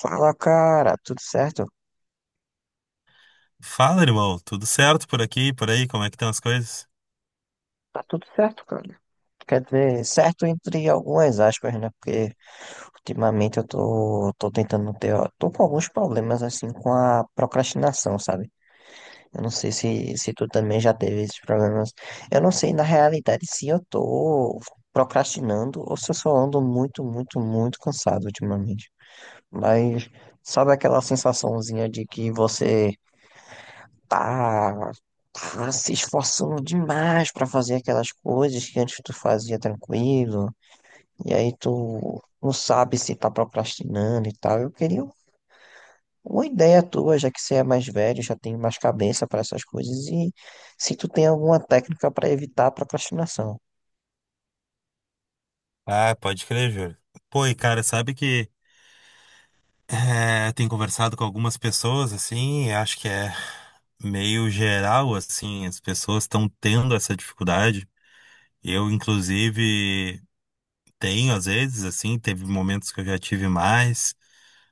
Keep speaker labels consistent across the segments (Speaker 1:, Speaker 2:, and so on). Speaker 1: Fala, cara, tudo certo?
Speaker 2: Fala, irmão. Tudo certo por aqui, por aí? Como é que estão as coisas?
Speaker 1: Tá tudo certo, cara. Quer dizer, certo entre algumas aspas, né? Porque ultimamente eu tô tentando ter, ó, tô com alguns problemas assim com a procrastinação, sabe? Eu não sei se tu também já teve esses problemas. Eu não sei na realidade se eu tô procrastinando ou se eu só ando muito, muito, muito cansado ultimamente. Mas sabe aquela sensaçãozinha de que você tá, tá se esforçando demais pra fazer aquelas coisas que antes tu fazia tranquilo, e aí tu não sabe se tá procrastinando e tal. Eu queria uma ideia tua, já que você é mais velho, já tem mais cabeça pra essas coisas, e se tu tem alguma técnica pra evitar a procrastinação.
Speaker 2: Ah, pode crer, Júlio. Pô, e cara, sabe que tem conversado com algumas pessoas, assim, e acho que é meio geral, assim, as pessoas estão tendo essa dificuldade. Eu, inclusive, tenho, às vezes, assim, teve momentos que eu já tive mais,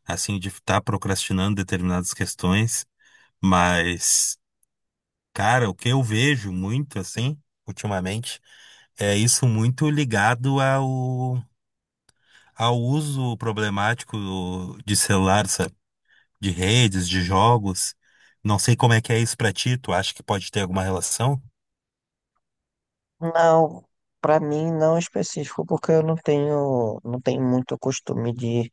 Speaker 2: assim, de estar procrastinando determinadas questões, mas, cara, o que eu vejo muito, assim, ultimamente. É isso muito ligado ao uso problemático de celular, sabe? De redes, de jogos. Não sei como é que é isso pra ti, tu acha que pode ter alguma relação?
Speaker 1: Não, pra mim não é específico, porque eu não tenho muito costume de,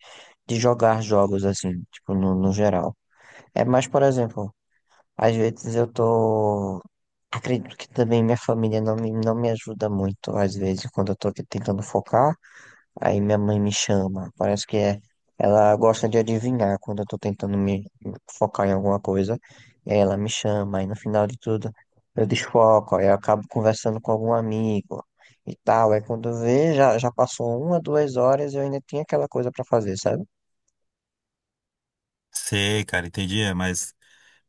Speaker 1: de jogar jogos assim, tipo, no geral. É mais, por exemplo, às vezes eu tô. Acredito que também minha família não me ajuda muito, às vezes, quando eu tô aqui tentando focar, aí minha mãe me chama. Parece que é, ela gosta de adivinhar quando eu tô tentando me focar em alguma coisa. E aí ela me chama, aí no final de tudo eu desfoco, aí eu acabo conversando com algum amigo e tal. Aí quando vê, já passou uma, 2 horas e eu ainda tinha aquela coisa pra fazer, sabe?
Speaker 2: Sei, cara, entendi, é, mas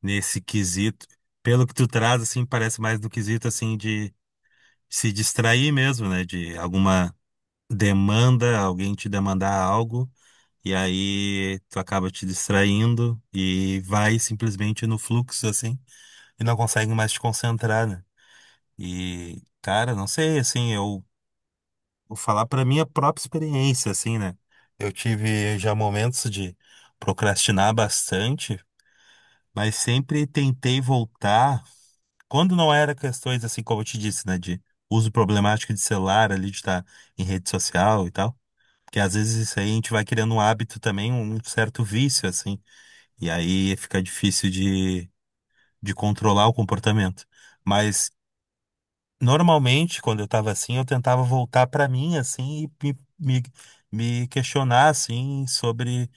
Speaker 2: nesse quesito, pelo que tu traz, assim, parece mais do quesito, assim, de se distrair mesmo, né? De alguma demanda, alguém te demandar algo, e aí tu acaba te distraindo e vai simplesmente no fluxo, assim, e não consegue mais te concentrar, né? E, cara, não sei, assim, eu vou falar pra minha própria experiência, assim, né? Eu tive já momentos de procrastinar bastante, mas sempre tentei voltar. Quando não era questões, assim, como eu te disse, né? De uso problemático de celular, ali, de estar em rede social e tal. Porque às vezes isso aí a gente vai criando um hábito também, um certo vício, assim. E aí fica difícil de controlar o comportamento. Mas normalmente, quando eu estava assim, eu tentava voltar para mim, assim, e me, me, me questionar, assim, sobre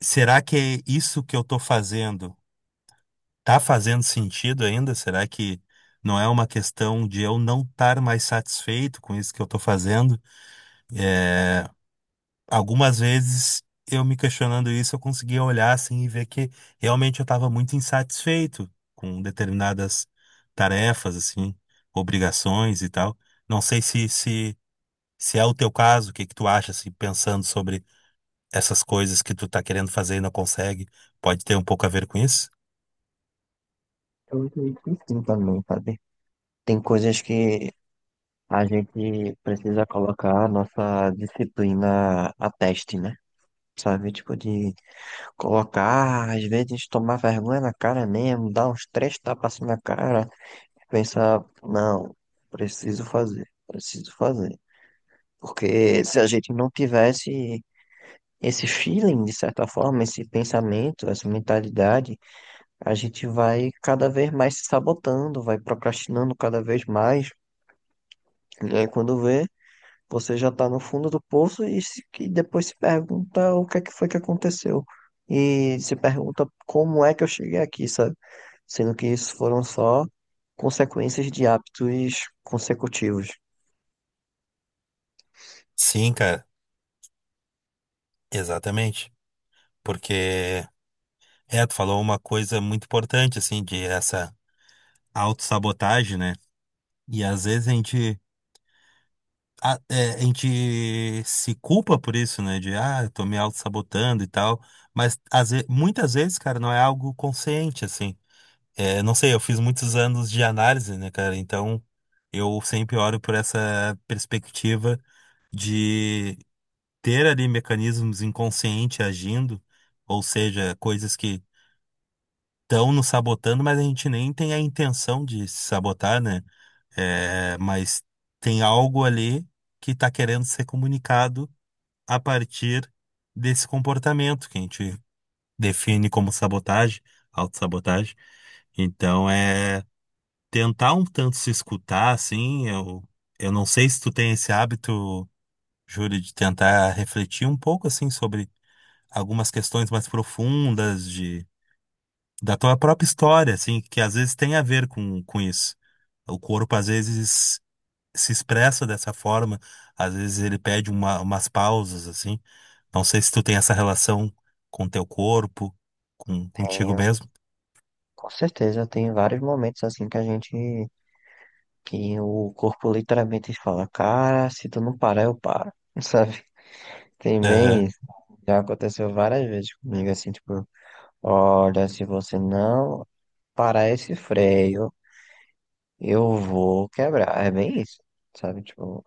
Speaker 2: será que é isso que eu estou fazendo tá fazendo sentido ainda? Será que não é uma questão de eu não estar mais satisfeito com isso que eu estou fazendo? É, algumas vezes, eu me questionando isso, eu conseguia olhar, assim, e ver que realmente eu estava muito insatisfeito com determinadas tarefas, assim, obrigações e tal. Não sei se se é o teu caso, o que que tu acha, assim, pensando sobre essas coisas que tu tá querendo fazer e não consegue? Pode ter um pouco a ver com isso?
Speaker 1: Eu acredito que sim também, sabe? Tem coisas que a gente precisa colocar a nossa disciplina a teste, né? Sabe, tipo, de colocar, às vezes tomar vergonha na cara mesmo, dar uns três tapas assim na cara, pensar, não, preciso fazer, preciso fazer. Porque se a gente não tivesse esse feeling, de certa forma, esse pensamento, essa mentalidade, a gente vai cada vez mais se sabotando, vai procrastinando cada vez mais. E aí, quando vê, você já está no fundo do poço e, e depois se pergunta o que é que foi que aconteceu. E se pergunta como é que eu cheguei aqui, sabe? Sendo que isso foram só consequências de hábitos consecutivos.
Speaker 2: Sim, cara, exatamente. Porque, é, tu falou uma coisa muito importante, assim, de essa autossabotagem, né? E às vezes a gente se culpa por isso, né? De, ah, eu tô me autossabotando e tal. Mas muitas vezes, cara, não é algo consciente, assim. É, não sei, eu fiz muitos anos de análise, né, cara? Então eu sempre olho por essa perspectiva de ter ali mecanismos inconscientes agindo, ou seja, coisas que estão nos sabotando, mas a gente nem tem a intenção de se sabotar, né? É, mas tem algo ali que está querendo ser comunicado a partir desse comportamento que a gente define como sabotagem, autossabotagem. Então é. Tentar um tanto se escutar, assim, eu não sei se tu tem esse hábito, Júlio, de tentar refletir um pouco, assim, sobre algumas questões mais profundas de, da tua própria história, assim, que às vezes tem a ver com isso. O corpo, às vezes, se expressa dessa forma, às vezes ele pede umas pausas, assim. Não sei se tu tem essa relação com teu corpo, contigo
Speaker 1: Tenho,
Speaker 2: mesmo.
Speaker 1: com certeza, tem vários momentos assim que a gente, que o corpo literalmente fala, cara, se tu não parar, eu paro, sabe? Tem
Speaker 2: Aham.
Speaker 1: bem isso. Já aconteceu várias vezes comigo, assim, tipo, olha, se você não parar esse freio, eu vou quebrar. É bem isso, sabe? Tipo,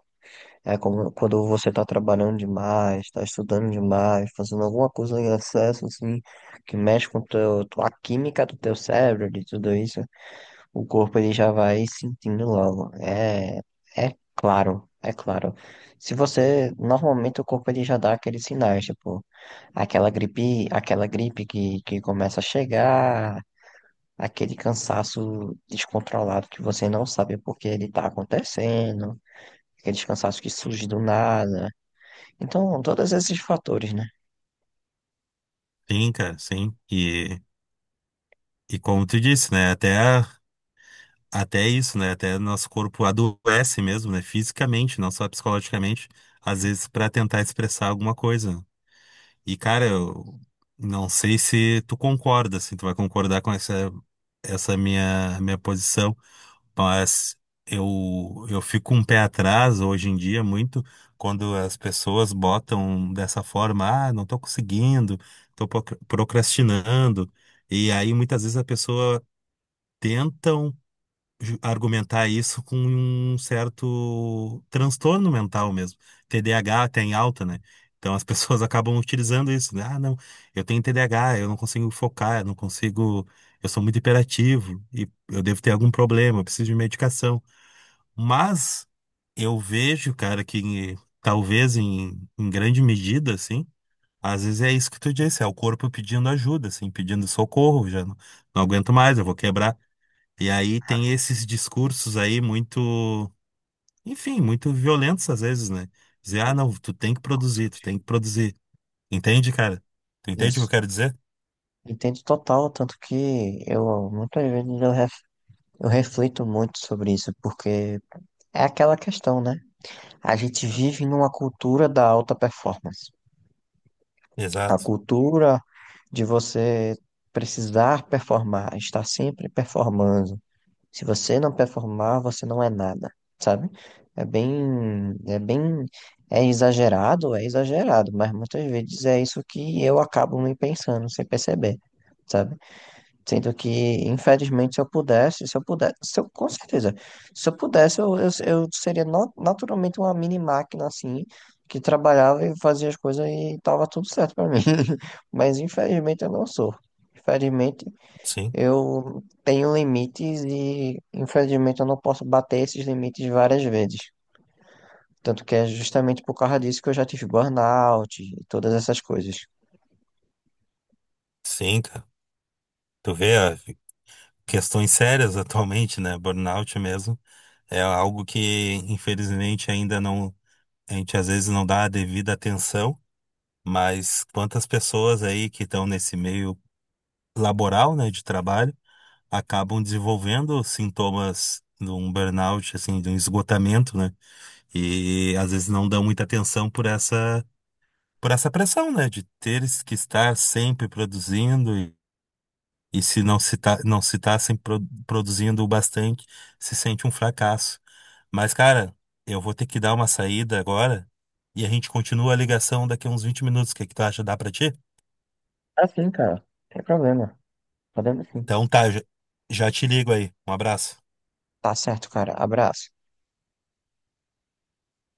Speaker 1: é como quando você tá trabalhando demais, tá estudando demais, fazendo alguma coisa em excesso, assim, que mexe com teu, a química do teu cérebro, de tudo isso, o corpo ele já vai sentindo logo. É, é claro, é claro. Se você, normalmente o corpo ele já dá aqueles sinais, tipo, aquela gripe que começa a chegar, aquele cansaço descontrolado que você não sabe por que ele está acontecendo, aquele cansaço que surge do nada. Então, todos esses fatores, né?
Speaker 2: Sim, cara, sim. E como tu disse, né, até isso, né? Até nosso corpo adoece mesmo, né? Fisicamente, não só psicologicamente, às vezes para tentar expressar alguma coisa. E, cara, eu não sei se tu concorda, se tu vai concordar com essa minha posição, mas eu fico com um pé atrás hoje em dia muito quando as pessoas botam dessa forma, ah, não tô conseguindo, tô procrastinando. E aí muitas vezes a pessoa tenta. Um argumentar isso com um certo transtorno mental mesmo. TDAH tem alta, né? Então as pessoas acabam utilizando isso, né? Ah, não, eu tenho TDAH, eu não consigo focar, eu não consigo, eu sou muito hiperativo e eu devo ter algum problema, eu preciso de medicação. Mas eu vejo, cara, que talvez em grande medida, assim, às vezes é isso que tu disse, é o corpo pedindo ajuda, assim, pedindo socorro, já não, não aguento mais, eu vou quebrar. E aí tem esses discursos aí muito, enfim, muito violentos às vezes, né? Dizer, ah, não, tu tem que produzir, tu tem que produzir. Entende, cara? Tu entende o que eu
Speaker 1: Isso.
Speaker 2: quero dizer?
Speaker 1: Entendo total, tanto que eu muitas vezes eu reflito muito sobre isso, porque é aquela questão, né? A gente vive numa cultura da alta performance. A
Speaker 2: Exato.
Speaker 1: cultura de você precisar performar, estar sempre performando. Se você não performar, você não é nada, sabe? É bem, é bem, é exagerado, mas muitas vezes é isso que eu acabo me pensando sem perceber, sabe? Sendo que, infelizmente, se eu pudesse, se eu pudesse, se eu, com certeza, se eu pudesse, eu seria naturalmente uma mini máquina assim, que trabalhava e fazia as coisas e tava tudo certo pra mim. Mas infelizmente eu não sou. Infelizmente,
Speaker 2: Sim,
Speaker 1: eu tenho limites e, infelizmente, eu não posso bater esses limites várias vezes. Tanto que é justamente por causa disso que eu já tive burnout e todas essas coisas.
Speaker 2: sim, cara. Tu vê ah, questões sérias atualmente, né? Burnout mesmo. É algo que, infelizmente, ainda não, a gente às vezes não dá a devida atenção, mas quantas pessoas aí que estão nesse meio laboral, né, de trabalho acabam desenvolvendo sintomas de um burnout, assim, de um esgotamento, né? E às vezes não dão muita atenção por por essa pressão, né? De ter que estar sempre produzindo e se não se tá sempre produzindo o bastante, se sente um fracasso. Mas, cara, eu vou ter que dar uma saída agora e a gente continua a ligação daqui a uns 20 minutos. O que é que tu acha? Dá pra ti?
Speaker 1: Assim, cara. Sem problema. Podemos sim.
Speaker 2: Então tá, já te ligo aí. Um abraço.
Speaker 1: Tá certo, cara. Abraço.